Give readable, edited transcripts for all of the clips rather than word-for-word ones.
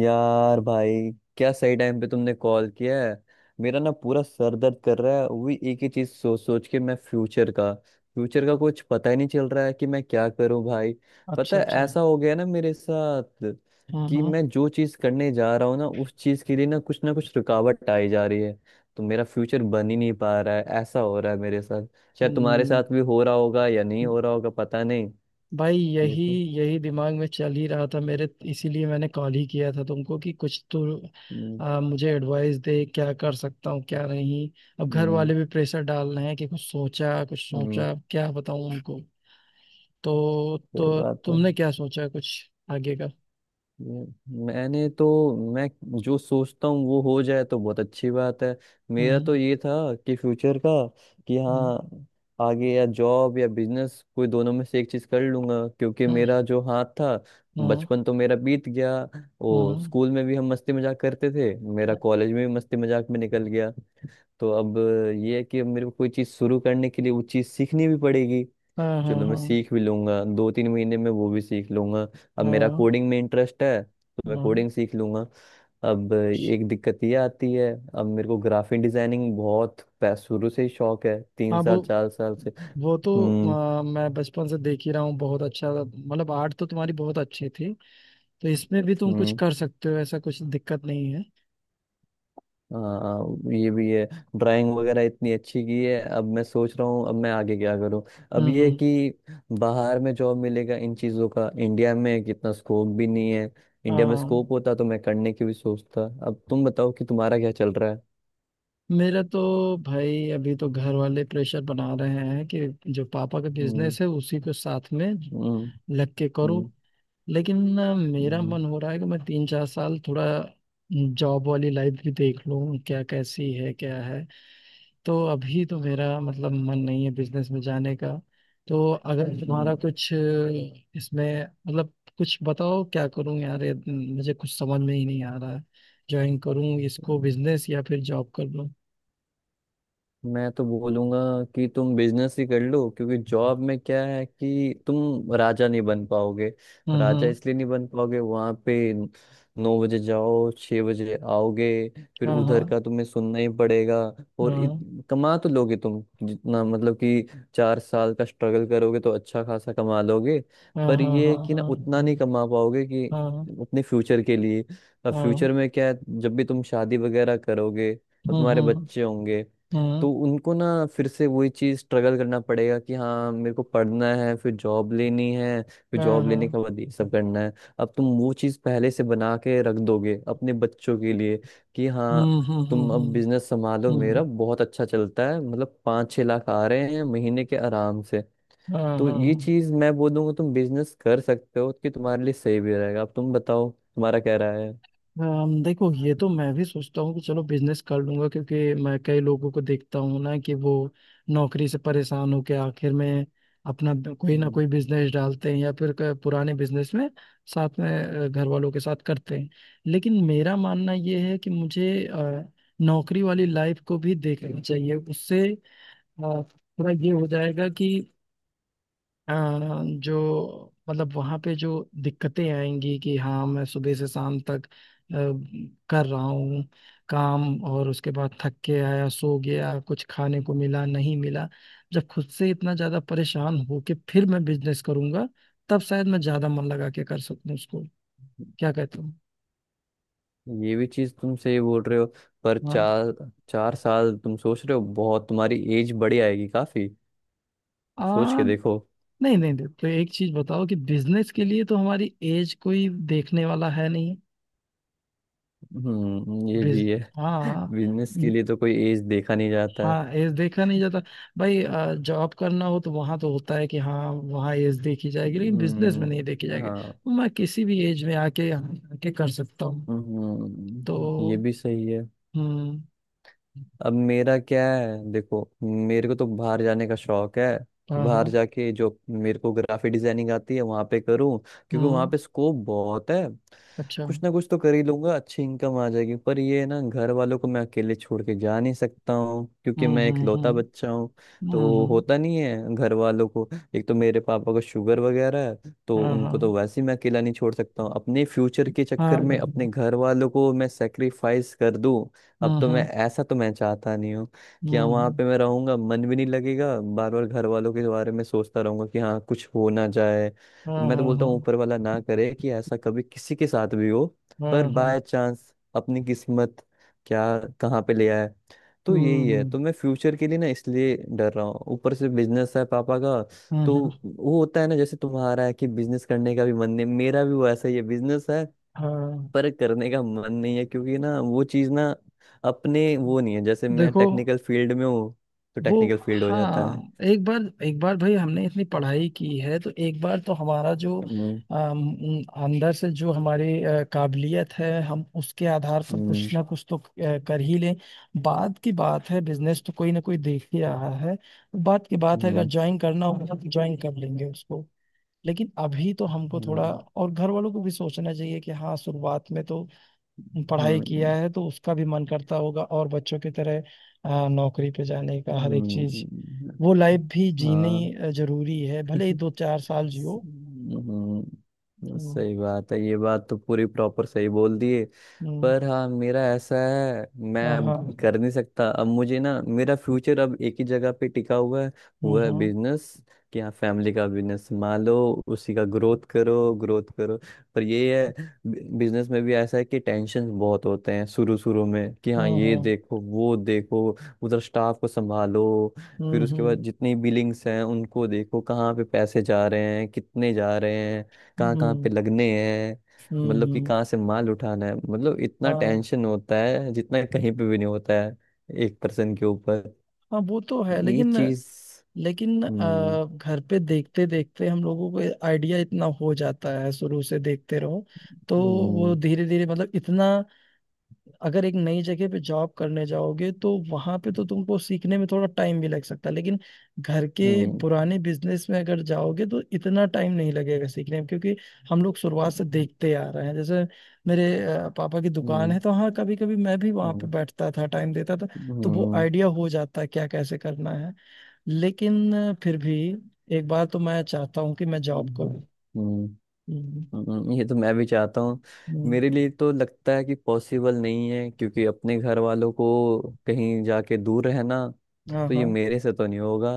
यार भाई, क्या सही टाइम पे तुमने कॉल किया है। मेरा ना पूरा सर दर्द कर रहा है वही एक ही चीज सोच सोच के। मैं फ्यूचर का कुछ पता ही नहीं चल रहा है कि मैं क्या करूं भाई। पता अच्छा है अच्छा। ऐसा हो गया ना मेरे साथ हाँ कि हाँ। मैं जो चीज करने जा रहा हूँ ना, उस चीज के लिए ना कुछ रुकावट आई जा रही है। तो मेरा फ्यूचर बन ही नहीं पा रहा है, ऐसा हो रहा है मेरे साथ। शायद तुम्हारे हम्म। साथ भी हो रहा होगा या नहीं हो रहा होगा, पता नहीं। भाई, यही देखो। यही दिमाग में चल ही रहा था मेरे, इसीलिए मैंने कॉल ही किया था तुमको कि कुछ तो हम्म। मुझे एडवाइस दे, क्या कर सकता हूँ क्या नहीं। अब घर हम्म। वाले भी प्रेशर डाल रहे हैं कि कुछ सोचा, कुछ हम्म, सोचा, क्या बताऊँ उनको? तो ये तो बात है। तुमने क्या सोचा कुछ आगे का? मैं- मैंने तो मैं जो सोचता हूँ वो हो जाए तो बहुत अच्छी बात है। मेरा हम्म। तो ये था कि फ्यूचर का, कि हम्म। हाँ, आगे या जॉब या बिजनेस कोई दोनों में से एक चीज कर लूंगा, क्योंकि हम्म। मेरा जो हाथ था। हम्म। बचपन तो मेरा बीत गया, वो हम्म। स्कूल में भी हम मस्ती मजाक करते थे, मेरा हम्म। कॉलेज में भी मस्ती मजाक में निकल गया। तो अब ये है कि अब मेरे को कोई चीज शुरू करने के लिए वो चीज सीखनी भी पड़ेगी। हाँ हाँ चलो, मैं हाँ सीख भी लूंगा, 2 3 महीने में वो भी सीख लूंगा। अब मेरा हाँ कोडिंग में इंटरेस्ट है तो मैं हाँ कोडिंग सीख लूंगा। अब एक दिक्कत ये आती है। अब मेरे को ग्राफिक डिजाइनिंग बहुत शुरू से ही शौक है, तीन हाँ। वो साल चार साल से। वो तो हम्म। मैं बचपन से देख ही रहा हूँ, बहुत अच्छा, मतलब आर्ट तो तुम्हारी बहुत अच्छी थी। तो इसमें भी तुम कुछ हम्म। कर सकते हो, ऐसा कुछ दिक्कत नहीं है। हाँ, ये भी है। ड्राइंग वगैरह इतनी अच्छी की है। अब मैं सोच रहा हूँ अब मैं आगे क्या करूँ। अब हम्म। ये है हम्म। कि बाहर में जॉब मिलेगा, इन चीज़ों का इंडिया में कितना स्कोप भी नहीं है। इंडिया में हाँ। स्कोप होता तो मैं करने की भी सोचता। अब तुम बताओ कि तुम्हारा क्या चल रहा है। मेरा तो भाई अभी तो घर वाले प्रेशर बना रहे हैं कि जो पापा का हम्म। बिजनेस है उसी को साथ में हम्म। लग के करो। हम्म। लेकिन मेरा हम्म। मन हो रहा है कि मैं 3-4 साल थोड़ा जॉब वाली लाइफ भी देख लूँ, क्या कैसी है क्या है। तो अभी तो मेरा मतलब मन नहीं है बिजनेस में जाने का। तो अगर तुम्हारा हम्म। कुछ इसमें मतलब कुछ बताओ, क्या करूं यार, ये मुझे कुछ समझ में ही नहीं आ रहा है। ज्वाइन करूं इसको हम्म। बिजनेस, या फिर जॉब कर लूं? मैं तो बोलूंगा कि तुम बिजनेस ही कर लो, क्योंकि जॉब में क्या है कि तुम राजा नहीं बन पाओगे। हम्म। राजा हम्म। इसलिए नहीं बन पाओगे, वहां पे 9 बजे जाओ, 6 बजे आओगे। फिर हाँ हाँ उधर का तुम्हें सुनना ही पड़ेगा। और हाँ कमा तो लोगे तुम, जितना मतलब कि 4 साल का स्ट्रगल करोगे तो अच्छा खासा कमा लोगे। हाँ पर हाँ ये हाँ है कि ना हाँ उतना नहीं कमा पाओगे कि हाँ अपने फ्यूचर के लिए। अब हाँ। फ्यूचर में क्या है, जब भी तुम शादी वगैरह करोगे और हम्म। तुम्हारे हम्म। बच्चे होंगे, हम्म। तो उनको ना फिर से वही चीज स्ट्रगल करना पड़ेगा कि हाँ, मेरे को पढ़ना है, फिर जॉब लेनी है, फिर हाँ जॉब लेने हाँ। के बाद ये सब करना है। अब तुम वो चीज पहले से बना के रख दोगे अपने बच्चों के लिए, कि हाँ हम्म। हम्म। तुम अब हम्म। बिजनेस संभालो, हम्म। हम्म। मेरा बहुत अच्छा चलता है, मतलब 5 6 लाख आ रहे हैं महीने के आराम से। हाँ तो हाँ ये हाँ। चीज मैं बोल दूंगा, तुम बिजनेस कर सकते हो कि तुम्हारे लिए सही भी रहेगा। अब तुम बताओ तुम्हारा क्या राय देखो, ये तो मैं भी सोचता हूँ कि चलो बिजनेस कर लूंगा, क्योंकि मैं कई लोगों को देखता हूँ ना कि वो नौकरी से परेशान होकर आखिर में अपना कोई ना है। कोई बिजनेस डालते हैं, या फिर पुराने बिजनेस में साथ में घर वालों के साथ करते हैं। लेकिन मेरा मानना ये है कि मुझे नौकरी वाली लाइफ को भी देखना चाहिए। उससे अ, थोड़ा ये हो जाएगा, अ, जो मतलब वहाँ पे जो दिक्कतें आएंगी कि हाँ मैं सुबह से शाम तक कर रहा हूँ काम, और उसके बाद थक के आया, सो गया, कुछ खाने को मिला नहीं मिला। जब खुद से इतना ज़्यादा परेशान हो के फिर मैं बिजनेस करूँगा, तब शायद मैं ज़्यादा मन लगा के कर सकूँ उसको। क्या कहते हो? ये भी चीज तुम सही बोल रहे हो। पर हाँ। चार चार साल तुम सोच रहे हो, बहुत तुम्हारी एज बड़ी आएगी काफी। सोच आ, के देखो। नहीं नहीं नहीं, तो एक चीज़ बताओ कि बिजनेस के लिए तो हमारी एज कोई देखने वाला है नहीं। हम्म, ये बिज भी है। हाँ। बिजनेस के लिए तो कोई एज देखा नहीं जाता है। हाँ एज देखा नहीं जाता भाई, जॉब करना हो तो वहां तो होता है कि हाँ वहाँ एज देखी जाएगी, लेकिन बिजनेस में नहीं देखी जाएगी, हाँ। तो मैं किसी भी एज में आके यहाँ आके कर सकता हूँ। तो। ये भी सही है। हम्म। अब मेरा क्या है, देखो, मेरे को तो बाहर जाने का शौक है, कि हाँ हाँ। बाहर जाके जो मेरे को ग्राफिक डिजाइनिंग आती है वहां पे करूँ, क्योंकि वहां हम्म। पे स्कोप बहुत है। अच्छा। कुछ हम्म। ना कुछ तो कर ही लूंगा, अच्छी इनकम आ जाएगी। पर ये है ना, घर वालों को मैं अकेले छोड़ के जा नहीं सकता हूँ, क्योंकि हम्म। मैं हम्म। इकलौता हम्म। बच्चा हूँ। तो हम्म। होता नहीं है घर वालों को। एक तो मेरे पापा को शुगर वगैरह है, तो हाँ उनको तो हाँ वैसे ही मैं अकेला नहीं छोड़ सकता हूँ। अपने फ्यूचर के हाँ। चक्कर में अपने हम्म। घर वालों को मैं सेक्रीफाइस कर दूँ, अब तो हम्म। मैं ऐसा तो मैं चाहता नहीं हूँ। कि हाँ, वहाँ हम्म। पे मैं रहूंगा मन भी नहीं लगेगा, बार बार घर वालों के बारे में सोचता रहूंगा कि हाँ कुछ हो ना जाए। हाँ मैं तो हाँ बोलता हाँ हूँ ऊपर वाला ना करे कि ऐसा कभी किसी के साथ भी हो। पर हाँ बाय हाँ। चांस अपनी किस्मत क्या, कहाँ पे ले आए। तो यही है, हम्म। तो मैं फ्यूचर के लिए ना इसलिए डर रहा हूँ, ऊपर से बिजनेस है पापा का। तो हम्म। हाँ वो होता है ना, जैसे तुम्हारा है कि बिजनेस करने का भी मन नहीं, मेरा भी वो ऐसा ही है, बिजनेस है, हाँ। पर करने का मन नहीं है, क्योंकि ना वो चीज़ ना अपने वो नहीं है। जैसे मैं देखो टेक्निकल फील्ड में हूँ, तो वो। टेक्निकल फील्ड हो जाता हाँ, है। एक बार भाई हमने इतनी पढ़ाई की है तो एक बार तो हमारा जो हम्म। अंदर से जो हमारी काबिलियत है, हम उसके आधार पर हम्म। कुछ ना कुछ तो कर ही लें। बाद की बात है, बिजनेस तो कोई ना कोई देख ही रहा है। बाद की बात है, अगर हम्म। ज्वाइन करना होगा तो ज्वाइन कर लेंगे उसको। लेकिन अभी तो हमको हाँ। थोड़ा, और घर वालों को भी सोचना चाहिए कि हाँ शुरुआत में तो पढ़ाई किया हम्म। है, तो उसका भी मन करता होगा, और बच्चों की तरह नौकरी पे जाने का हर एक चीज, हम्म, वो लाइफ भी हाँ। जीनी जरूरी है, भले ही 2-4 साल जियो। हम्म। सही बात है। ये बात तो पूरी प्रॉपर सही बोल दिए। हम्म। पर हाँ, मेरा ऐसा है, मैं हाँ अब हाँ। कर नहीं सकता। अब मुझे ना मेरा फ्यूचर अब एक ही जगह पे टिका हुआ है। हम्म। वो है हम्म। बिजनेस। कि हाँ, फैमिली का बिजनेस संभालो, उसी का ग्रोथ करो, ग्रोथ करो। पर ये है, बिजनेस में भी ऐसा है कि टेंशन बहुत होते हैं शुरू शुरू में, कि हाँ ये हम्म। देखो, वो देखो, उधर स्टाफ को संभालो, हम्म। फिर उसके बाद हम्म। जितनी बिलिंग्स हैं उनको देखो, कहाँ पे पैसे जा रहे हैं, कितने जा रहे हैं, कहाँ कहाँ हम्म। पे लगने हैं, हम्म। मतलब कि हम्म। कहाँ से माल उठाना है। मतलब इतना हाँ टेंशन होता है जितना कहीं पे भी नहीं होता है, एक पर्सन के ऊपर। हाँ। वो तो है, ये लेकिन चीज। लेकिन हम्म। घर पे देखते देखते हम लोगों को आइडिया इतना हो जाता है, शुरू से देखते रहो तो वो हम्म। धीरे धीरे मतलब इतना, अगर एक नई जगह पे जॉब करने जाओगे तो वहां पे तो तुमको सीखने में थोड़ा टाइम भी लग सकता है, लेकिन घर के हम्म। पुराने बिजनेस में अगर जाओगे तो इतना टाइम नहीं लगेगा सीखने में, क्योंकि हम लोग शुरुआत से देखते आ रहे हैं। जैसे मेरे पापा की दुकान हम्म। है तो हाँ कभी कभी मैं भी वहां पे हम्म। बैठता था, टाइम देता था, तो वो हम्म। आइडिया हो जाता है क्या कैसे करना है। लेकिन फिर भी एक बार तो मैं चाहता हूँ कि मैं जॉब हम्म, करूँ। हम्म, हम्म। ये तो मैं भी चाहता हूँ। हम्म। मेरे लिए तो लगता है कि पॉसिबल नहीं है, क्योंकि अपने घर वालों को कहीं जाके दूर रहना, हाँ तो ये हाँ मेरे से तो नहीं होगा।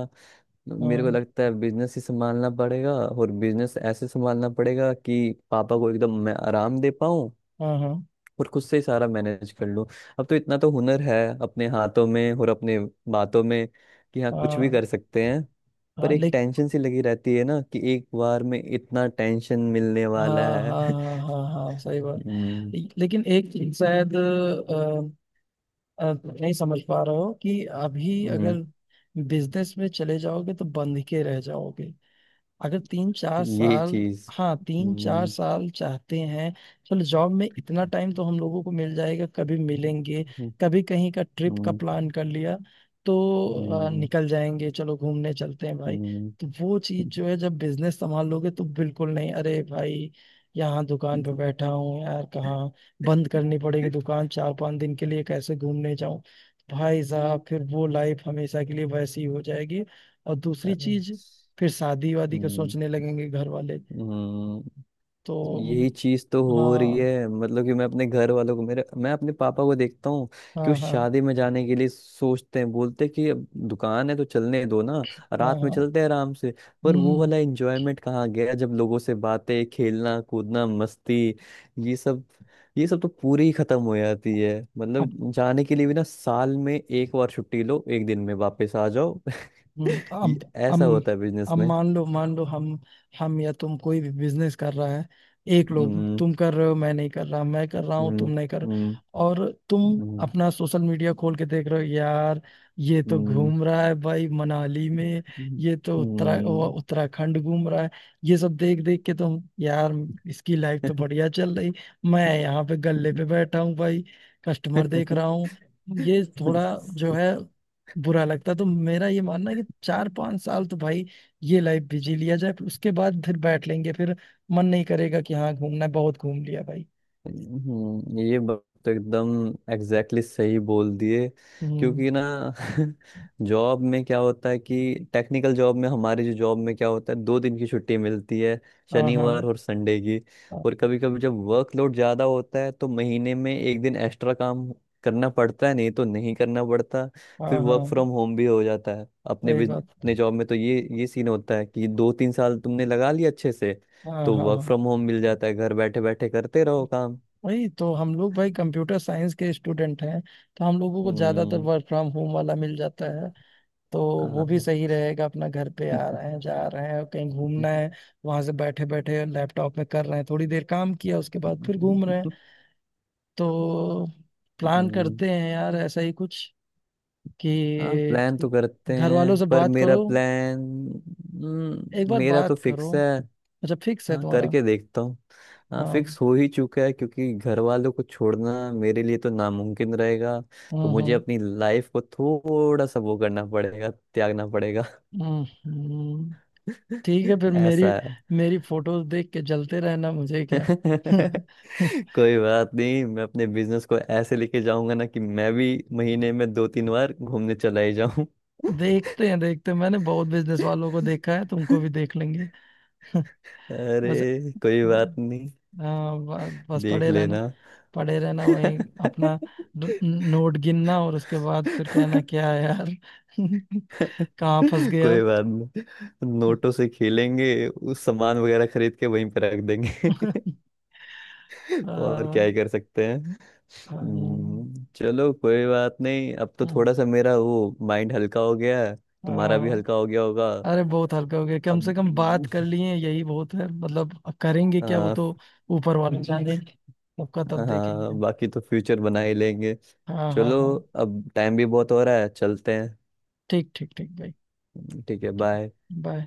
मेरे को हाँ लगता है बिजनेस ही संभालना पड़ेगा, और बिजनेस ऐसे संभालना पड़ेगा कि पापा को एकदम मैं आराम दे पाऊँ, हाँ हाँ और खुद से ही सारा मैनेज कर लूँ। अब तो इतना तो हुनर है अपने हाथों में और अपने बातों में, कि हाँ कुछ भी हाँ कर सकते हैं। हाँ, पर एक लेकिन। टेंशन सी लगी रहती है ना, कि एक बार में इतना टेंशन मिलने वाला हाँ है। हाँ हाँ हाँ हाँ, सही बात। हम्म, लेकिन एक चीज शायद अ, नहीं समझ पा रहे हो कि अभी हम्म, अगर बिजनेस में चले जाओगे तो बंध के रह जाओगे, अगर तीन चार ये साल चीज। हाँ, तीन चार हम्म, साल चाहते हैं। चलो, जॉब में इतना टाइम तो हम लोगों को मिल जाएगा, कभी मिलेंगे, हम्म, कभी कहीं का ट्रिप का हम्म, प्लान कर लिया तो हम्म, निकल जाएंगे, चलो घूमने चलते हैं भाई। तो वो चीज जो है, जब बिजनेस संभाल लोगे तो बिल्कुल नहीं। अरे भाई, यहाँ दुकान पे हम्म। बैठा हूँ यार, कहाँ? बंद करनी पड़ेगी दुकान 4-5 दिन के लिए, कैसे घूमने जाऊं? भाई साहब, फिर वो लाइफ हमेशा के लिए वैसी हो जाएगी। और दूसरी चीज, फिर शादी वादी का हम्म, सोचने लगेंगे घर वाले। हम्म, तो। यही चीज तो हो रही हाँ है। मतलब कि मैं अपने घर वालों को, मेरे, मैं अपने पापा को देखता हूँ कि वो हाँ हाँ शादी में जाने के लिए सोचते हैं, बोलते हैं कि अब दुकान है तो चलने दो ना, हाँ रात में हाँ। चलते हैं आराम से। पर वो हम्म। वाला एंजॉयमेंट कहाँ गया, जब लोगों से बातें, खेलना कूदना, मस्ती, ये सब। ये सब तो पूरी ही खत्म हो जाती है। मतलब जाने के लिए भी ना, साल में एक बार छुट्टी लो, एक दिन में वापस आ जाओ। हम्म। ये ऐसा होता है बिजनेस अब में। मान लो, मान लो हम या तुम कोई भी बिजनेस कर रहा है। एक लोग हम्म। तुम कर रहे हो मैं नहीं कर रहा, मैं कर रहा हूँ हम्म। तुम नहीं कर। हम्म। और तुम हम्म। अपना सोशल मीडिया खोल के देख रहे हो यार, ये तो हम्म। घूम रहा है भाई मनाली में, हम्म। ये तो उत्तरा वो उत्तराखंड घूम रहा है, ये सब देख देख के तुम यार, इसकी लाइफ तो बढ़िया चल रही, मैं यहाँ पे गल्ले पे बैठा हूँ भाई, कस्टमर देख रहा हूँ, ये थोड़ा जो है बुरा लगता। तो मेरा ये मानना है कि 4-5 साल तो भाई ये लाइफ बिजी लिया जाए, फिर उसके बाद फिर बैठ लेंगे, फिर मन नहीं करेगा कि हाँ घूमना है, बहुत घूम लिया भाई। ये बात तो एकदम एग्जैक्टली exactly सही बोल दिए। हम्म। क्योंकि ना जॉब में क्या होता है कि टेक्निकल जॉब में हमारे, जो जॉब में क्या होता है, 2 दिन की छुट्टी मिलती है, हाँ शनिवार हाँ और संडे की। हाँ और कभी कभी जब वर्कलोड ज़्यादा होता है, तो महीने में एक दिन एक्स्ट्रा काम करना पड़ता है, नहीं तो नहीं करना पड़ता। फिर हाँ वर्क हाँ, फ्रॉम होम भी हो जाता है अपने सही बात। अपने जॉब में। तो ये सीन होता है कि 2 3 साल तुमने लगा लिया अच्छे से, हाँ तो हाँ वर्क हाँ। फ्रॉम होम मिल जाता है, घर बैठे बैठे करते रहो काम। वही तो, हम लोग भाई कंप्यूटर साइंस के स्टूडेंट हैं, तो हम लोगों को ज्यादातर हम्म, वर्क फ्रॉम होम वाला मिल जाता है। तो वो भी हाँ। सही रहेगा, अपना घर पे आ रहे हैं जा रहे हैं, कहीं घूमना है वहां से बैठे बैठे लैपटॉप में कर रहे हैं, थोड़ी देर काम किया उसके बाद फिर घूम रहे हैं। तो प्लान हम्म, करते हैं यार ऐसा ही कुछ, हाँ, कि प्लान तो करते घर वालों हैं, से पर बात मेरा करो, प्लान। एक बार मेरा तो बात करो। फिक्स है। अच्छा, फिक्स है हाँ, तुम्हारा। करके देखता हूँ। हाँ, हाँ। फिक्स हो ही चुका है, क्योंकि घर वालों को छोड़ना मेरे लिए तो नामुमकिन रहेगा। तो हम्म। मुझे हम्म। अपनी लाइफ को थोड़ा सा वो करना पड़ेगा, त्यागना पड़ेगा। हम्म। हम्म। ठीक है फिर, मेरी ऐसा है। मेरी फोटोज देख के जलते रहना, मुझे क्या। कोई बात नहीं, मैं अपने बिजनेस को ऐसे लेके जाऊंगा ना कि मैं भी महीने में 2 3 बार घूमने चला ही जाऊं। देखते हैं देखते हैं, मैंने बहुत बिजनेस वालों को देखा है, तुमको भी देख लेंगे। बस। अरे कोई हाँ। बात नहीं, हाँ बस देख पड़े रहना, लेना। पड़े रहना वहीं अपना, नोट गिनना, और उसके बाद फिर कहना, क्या है यार कहाँ फंस गया। कोई बात नहीं, नोटों से खेलेंगे, उस सामान वगैरह खरीद के वहीं पे रख देंगे। और क्या हाँ, ही कर सकते हैं। हाँ, चलो कोई बात नहीं, अब तो थोड़ा सा मेरा वो माइंड हल्का हो गया है। तुम्हारा भी हाँ। हल्का हो गया होगा। अरे बहुत हल्का हो गया, कम से कम बात अब कर लिए, यही बहुत है, मतलब अब करेंगे क्या, वो आ, तो ऊपर वाले जाने, सबका तब हाँ, देखेंगे। बाकी तो फ्यूचर बना ही लेंगे। हाँ हाँ चलो, हाँ। अब टाइम भी बहुत हो रहा है, चलते ठीक ठीक ठीक भाई। हैं। ठीक है, ठीक। बाय। बाय।